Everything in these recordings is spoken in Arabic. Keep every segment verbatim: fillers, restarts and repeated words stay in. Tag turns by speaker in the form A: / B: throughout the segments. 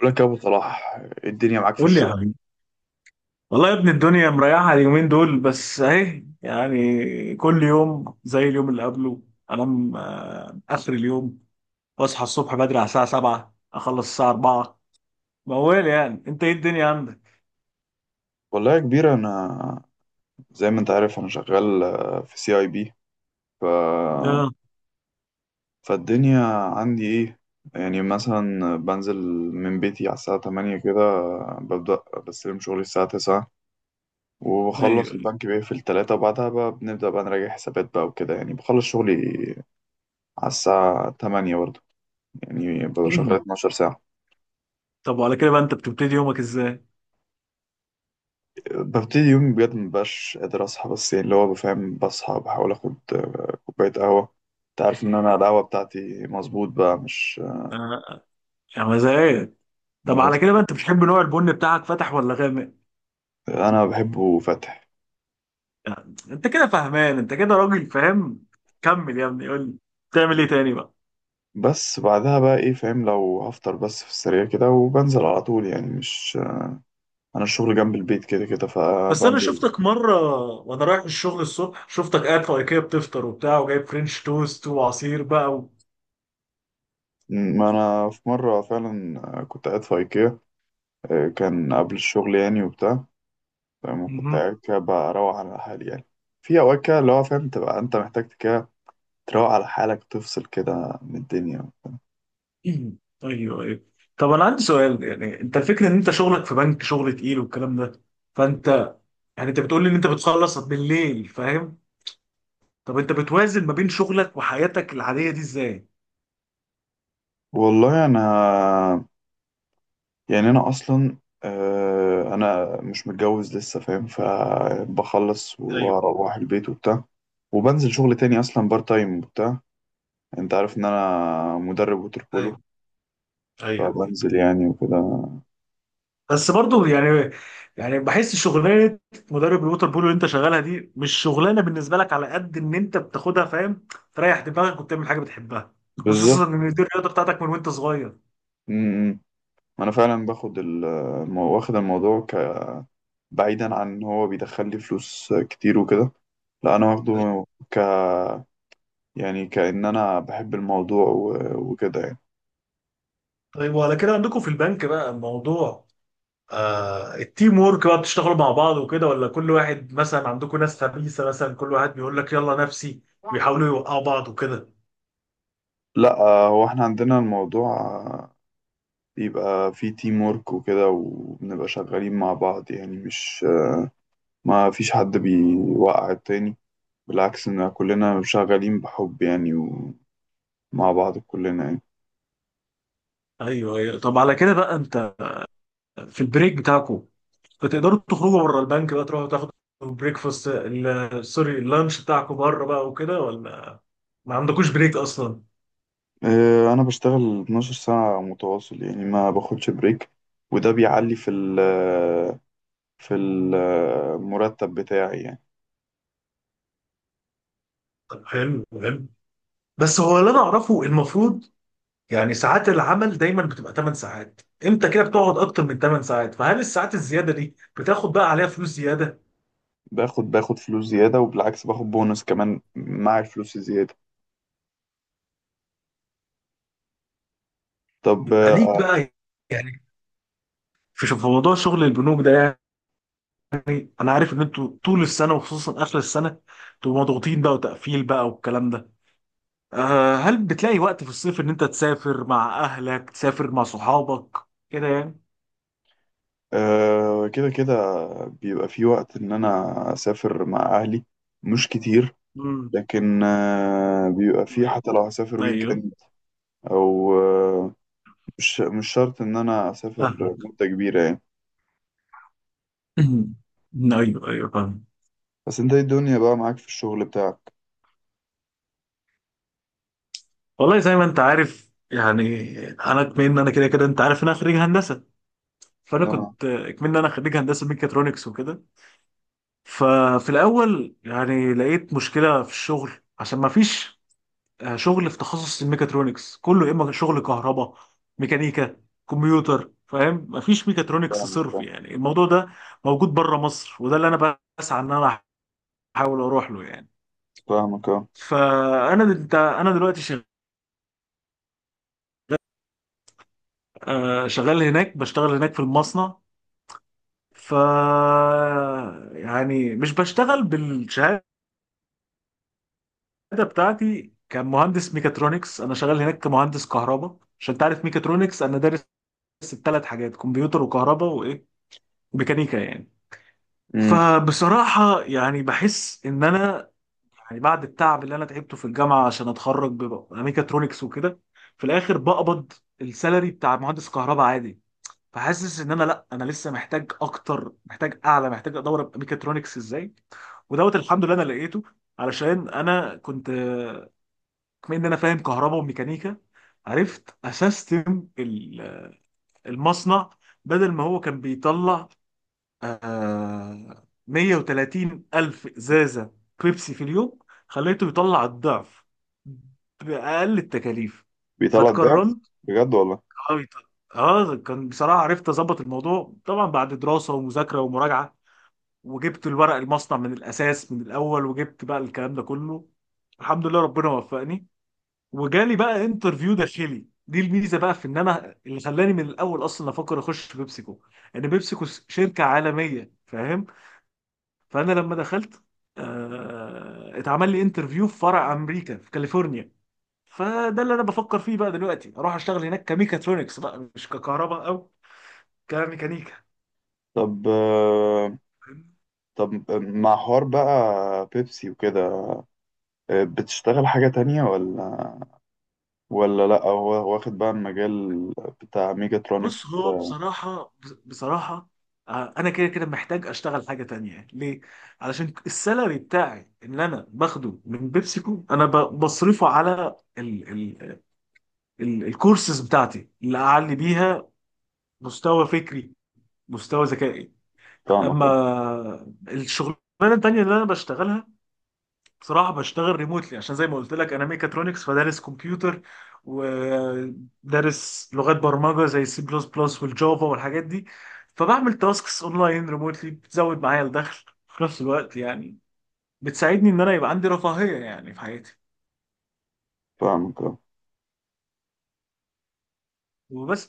A: بقول لك يا ابو صلاح، إيه الدنيا معاك في
B: قول لي يا
A: الشغل؟
B: حبيبي. والله يا ابني الدنيا مريحة اليومين دول، بس اهي، يعني كل يوم زي اليوم اللي قبله. انام آه، اخر اليوم، واصحى الصبح بدري على الساعة سبعة اخلص الساعة اربعة. موال، يعني انت ايه الدنيا عندك؟
A: والله يا كبير، انا زي ما انت عارف انا شغال آه، في سي اي بي. ف...
B: اه.
A: فالدنيا عندي ايه؟ يعني مثلا بنزل من بيتي على الساعة ثمانية كده. آه، ببدأ بستلم شغلي الساعة تسعة،
B: ايوه
A: وبخلص،
B: ايوه.
A: البنك بيقفل ثلاثة، وبعدها بقى بنبدأ بقى نراجع حسابات بقى وكده. يعني بخلص شغلي على الساعة ثمانية برضه. يعني ببقى شغال 12 ساعة.
B: طب وعلى كده بقى انت بتبتدي يومك ازاي؟
A: ببتدي يومي، بجد مبقاش قادر أصحى، بس يعني اللي هو بفهم، بصحى بحاول آخد آه، كوباية قهوة. أنت عارف إن أنا القهوة بتاعتي مظبوط بقى، مش
B: آه، يا مزاج. طب على
A: بس
B: كده بقى انت بتحب نوع البن بتاعك فاتح ولا غامق؟
A: أنا بحبه فاتح.
B: يعني انت كده فهمان، انت كده راجل فاهم. كمل يا ابني، قول لي بتعمل ايه تاني بقى؟
A: بس بعدها بقى، إيه، فاهم، لو هفطر بس في السريع كده، وبنزل على طول. يعني مش، أنا الشغل جنب البيت كده كده،
B: بس انا
A: فبنزل.
B: شفتك مره وانا رايح الشغل الصبح، شفتك قاعد في ايكيا بتفطر وبتاع، وجايب فرنش توست وعصير بقى و...
A: ما أنا في مرة فعلا آه، كنت قاعد في أيكيا. آه، كان قبل الشغل يعني، وبتاع، فاهم، كنت
B: مهم.
A: قاعد كده بروح على حالي يعني. في أوقات كده اللي هو فاهم، تبقى أنت محتاج كده تروق على حالك وتفصل كده من الدنيا.
B: ايوه ايوه. طب انا عندي سؤال، يعني انت الفكره ان انت شغلك في بنك شغل تقيل والكلام ده، فانت يعني انت بتقول لي ان انت بتخلص بالليل فاهم. طب انت بتوازن ما بين شغلك وحياتك العاديه دي ازاي؟
A: والله انا، يعني انا اصلا، آه، انا مش متجوز لسه فاهم، فبخلص
B: ايوه
A: واروح البيت وبتاع، وبنزل شغل تاني اصلا بار تايم وبتاع. انت عارف ان انا مدرب ووتر بولو،
B: ايوه ايوه.
A: فبنزل يعني وكده.
B: بس برضو يعني يعني بحس شغلانه مدرب الووتر بول اللي انت شغالها دي مش شغلانه بالنسبه لك، على قد ان انت بتاخدها فاهم، تريح دماغك وبتعمل حاجه بتحبها، خصوصا
A: بالظبط.
B: ان دي الرياضه بتاعتك من وانت صغير.
A: م- م. انا فعلا باخد ال- واخد الموضوع ك... بعيدا عن ان هو بيدخل لي فلوس كتير وكده، لا انا
B: طيب.
A: واخده، يعني كأن أنا بحب الموضوع و- وكده يعني.
B: طيب وعلى كده عندكم في البنك بقى الموضوع، آه التيم وورك بقى، بتشتغلوا مع بعض وكده، ولا كل واحد، مثلا عندكم ناس خبيثه مثلا كل واحد بيقول لك يلا نفسي، ويحاولوا يوقعوا بعض وكده.
A: لا آه، هو احنا عندنا الموضوع، آه، بيبقى فيه تيم ورك وكده، وبنبقى شغالين مع بعض يعني. مش، ما فيش حد بيوقع التاني، بالعكس، ان كلنا شغالين بحب يعني ومع بعض كلنا يعني.
B: ايوه ايوه. طب على كده بقى انت في البريك بتاعكم، فتقدروا تخرجوا بره البنك بقى، تروحوا تاخدوا بريكفاست ال- سوري اللانش بتاعكم بره بقى وكده، ولا ما عندكوش بريك اصلا؟
A: آه، انا بشتغل 12 ساعة متواصل يعني، ما باخدش بريك، وده بيعلي في ال، في المرتب بتاعي يعني.
B: طب حلو حلو، بس هو اللي انا اعرفه المفروض يعني ساعات العمل دايما بتبقى ثماني ساعات، انت كده بتقعد اكتر من ثماني ساعات، فهل الساعات الزياده دي بتاخد بقى عليها فلوس زياده؟
A: باخد باخد فلوس زيادة، وبالعكس باخد بونص كمان مع الفلوس الزيادة. طب
B: يبقى ليك
A: آه،
B: بقى، يعني في شوف- في موضوع شغل البنوك ده، يعني انا عارف ان انتوا طول السنه وخصوصا اخر السنه بتبقوا مضغوطين بقى وتقفيل بقى والكلام ده. آه، هل بتلاقي وقت في الصيف ان انت تسافر مع اهلك، تسافر مع صحابك كده يعني؟
A: آه، كده كده بيبقى في وقت إن أنا أسافر مع أهلي، مش كتير.
B: امم.
A: لكن آه، بيبقى في حتى لو هسافر ويك
B: ايوه
A: إند، أو آه، مش مش شرط إن أنا
B: فاهم.
A: أسافر مدة كبيرة يعني.
B: ايوه ايوه فاهم.
A: بس أنت إيه الدنيا بقى معاك في الشغل بتاعك؟
B: والله زي ما انت عارف يعني، انا كمان إن انا كده كده، انت عارف ان انا خريج هندسه، فانا
A: أنا.
B: كنت كمان إن انا خريج هندسه ميكاترونكس وكده. ففي الاول يعني لقيت مشكله في الشغل، عشان ما فيش آه، شغل في تخصص الميكاترونكس كله، يا اما شغل كهرباء، ميكانيكا، كمبيوتر، فاهم. مفيش ميكاترونكس
A: فاهمك
B: صرف
A: آه،
B: يعني، الموضوع ده موجود بره مصر، وده اللي انا بسعى ان انا احاول اروح له يعني.
A: فاهمك أه.
B: فانا دل- انا دلوقتي شغ- آه، شغال هناك، بشتغل هناك في المصنع. ف يعني مش بشتغل بالشهاده بتاعتي كمهندس ميكاترونكس، انا شغال هناك كمهندس كهرباء. عشان تعرف، ميكاترونكس انا دارس الثلاث حاجات: كمبيوتر وكهرباء وايه، ميكانيكا يعني.
A: أمم.
B: فبصراحة يعني بحس إن أنا، يعني بعد التعب اللي أنا تعبته في الجامعة عشان أتخرج ببقى ميكاترونكس وكده، في الآخر بقبض السالري بتاع مهندس كهرباء عادي. فحاسس إن أنا لأ، أنا لسه محتاج أكتر، محتاج أعلى، محتاج أدور أبقى ميكاترونكس إزاي. ودوت الحمد لله أنا لقيته. علشان أنا كنت بما إن أنا فاهم كهرباء وميكانيكا، عرفت أسستم ال- المصنع. بدل ما هو كان بيطلع آه مائة وثلاثين ألف إزازة بيبسي في اليوم، خليته يطلع الضعف بأقل التكاليف،
A: بيطلع الضعف؟
B: فاتكرمت.
A: بجد والله.
B: اه يط- آه، كان بصراحة عرفت أظبط الموضوع طبعا بعد دراسة ومذاكرة ومراجعة، وجبت الورق المصنع من الأساس من الأول، وجبت بقى الكلام ده كله، الحمد لله ربنا وفقني. وجالي بقى انترفيو داخلي، دي الميزة بقى في إن أنا اللي خلاني من الأول أصلا أفكر أخش في بيبسيكو، إن بيبسيكو شركة عالمية فاهم. فانا لما دخلت، آه، اتعمل لي انترفيو في فرع امريكا في كاليفورنيا. فده اللي انا بفكر فيه بقى دلوقتي، اروح اشتغل هناك كميكاترونكس بقى، مش ككهرباء او كميكانيكا.
A: طب آه، طب مع حوار بقى بيبسي وكده، آه، بتشتغل حاجة تانية، ولا، ولا لأ هو واخد بقى المجال بتاع ميجاترونكس؟
B: بص هو بصراحة بصراحة، آه، انا كده كده محتاج اشتغل حاجة تانية. ليه؟ علشان السالري بتاعي اللي انا باخده من بيبسيكو، انا ب- بصرفه على ال ال ال الكورسز بتاعتي اللي اعلي بيها مستوى فكري، مستوى ذكائي.
A: فاهمك اه.
B: اما الشغلانه التانيه اللي انا بشتغلها، بصراحه بشتغل ريموتلي، عشان زي ما قلت لك انا ميكاترونكس، فدارس كمبيوتر، ودارس لغات برمجه زي السي بلس بلس والجافا والحاجات دي، فبعمل تاسكس اونلاين ريموتلي، بتزود معايا الدخل في نفس الوقت يعني، بتساعدني ان انا يبقى عندي رفاهيه يعني في حياتي.
A: فاهمك اه.
B: وبس.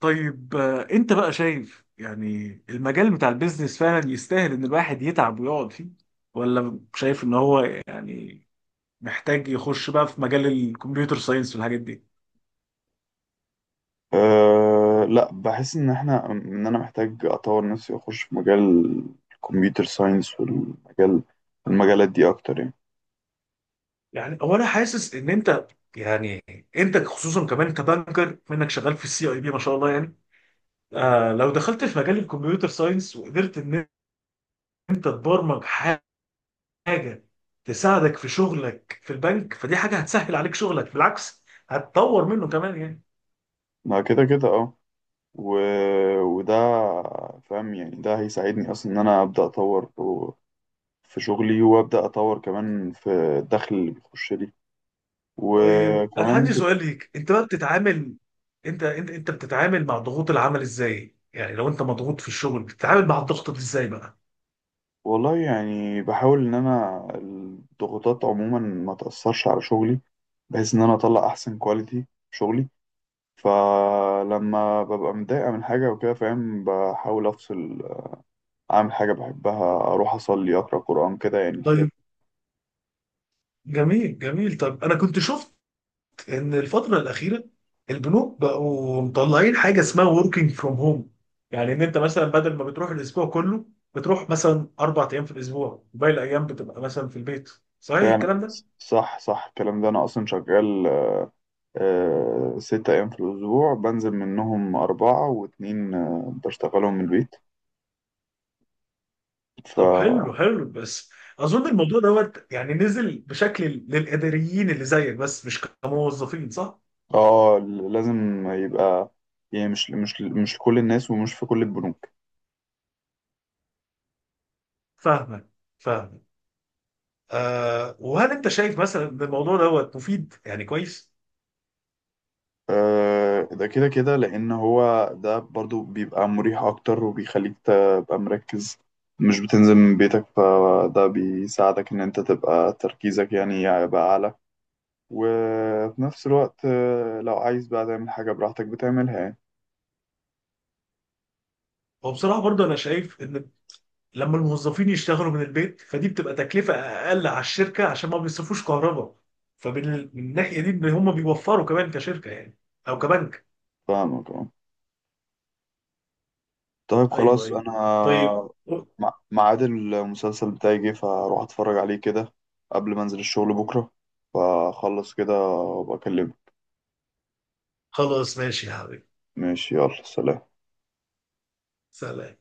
B: طيب، آه، انت بقى شايف يعني المجال بتاع البيزنس فعلا يستاهل ان الواحد يتعب ويقعد فيه، ولا شايف ان هو يعني محتاج يخش بقى في مجال الكمبيوتر ساينس والحاجات دي؟
A: آه، لأ، بحس إن احنا، إن أنا محتاج أطور نفسي وأخش في مجال الكمبيوتر ساينس، والمجال، المجالات دي أكتر يعني.
B: يعني هو انا حاسس ان انت، يعني انت خصوصا كمان، انت بانكر منك شغال في السي اي بي، ما شاء الله يعني. آه لو دخلت في مجال الكمبيوتر ساينس، وقدرت ان انت تبرمج حاجه تساعدك في شغلك في البنك، فدي حاجه هتسهل عليك شغلك، بالعكس هتطور منه كمان يعني.
A: ما كده كده اه. و... وده فاهم، يعني ده هيساعدني أصلا إن أنا أبدأ أطور في شغلي، وأبدأ أطور كمان في الدخل اللي بيخش لي.
B: طيب انا
A: وكمان،
B: عندي سؤال ليك، انت بقى بتتعامل، انت انت انت بتتعامل مع ضغوط العمل ازاي؟ يعني لو انت مضغوط في الشغل بتتعامل مع الضغط ده ازاي بقى؟
A: والله يعني بحاول إن أنا الضغوطات عموما ما تأثرش على شغلي، بحيث إن أنا أطلع أحسن كواليتي في شغلي. فلما ببقى متضايقة من حاجة وكده فاهم، بحاول أفصل، أعمل حاجة بحبها، أروح أصلي، أقرأ قرآن كده، يعني
B: طيب
A: الحاجات.
B: جميل جميل، طب انا كنت شفت ان الفتره الاخيره البنوك بقوا مطلعين حاجه اسمها working from home، يعني ان انت مثلا بدل ما بتروح الاسبوع كله، بتروح مثلا اربع ايام في الاسبوع، باقي الايام بتبقى مثلا في البيت، صحيح
A: فعلا.
B: الكلام ده؟
A: صح صح الكلام ده، أنا أصلا شغال آه، ست أيام في الأسبوع، بنزل منهم أربعة، واتنين آه، بشتغلهم من البيت. ف،
B: طب حلو حلو، بس اظن الموضوع دوت يعني نزل بشكل للاداريين اللي زيك بس، مش كموظفين، صح؟
A: اه، لازم يبقى، يعني مش مش مش كل الناس، ومش في كل البنوك.
B: فاهمك فاهمك. آه وهل انت شايف مثلا ان الموضوع دوت مفيد يعني كويس؟
A: آه ده كده كده، لأن هو ده برضو بيبقى مريح أكتر، وبيخليك تبقى مركز، مش بتنزل من بيتك، فده بيساعدك إن أنت تبقى تركيزك يعني يبقى أعلى. وفي نفس الوقت آه، لو عايز بقى تعمل حاجة براحتك بتعملها يعني.
B: هو بصراحه برضه انا شايف ان لما الموظفين يشتغلوا من البيت فدي بتبقى تكلفة أقل على الشركة، عشان ما بيصرفوش كهرباء، فمن ال- من الناحية دي إن هم بيوفروا كمان كشركة يعني، أو كبنك.
A: فاهمك اه. طيب
B: أيوه
A: خلاص
B: أيوه.
A: انا،
B: طيب
A: مع- ميعاد المسلسل بتاعي جه، فاروح اتفرج عليه كده قبل ما انزل الشغل بكره. فاخلص كده وابقى اكلمك.
B: خلاص، ماشي يا حبيبي.
A: ماشي، يلا سلام.
B: سلام.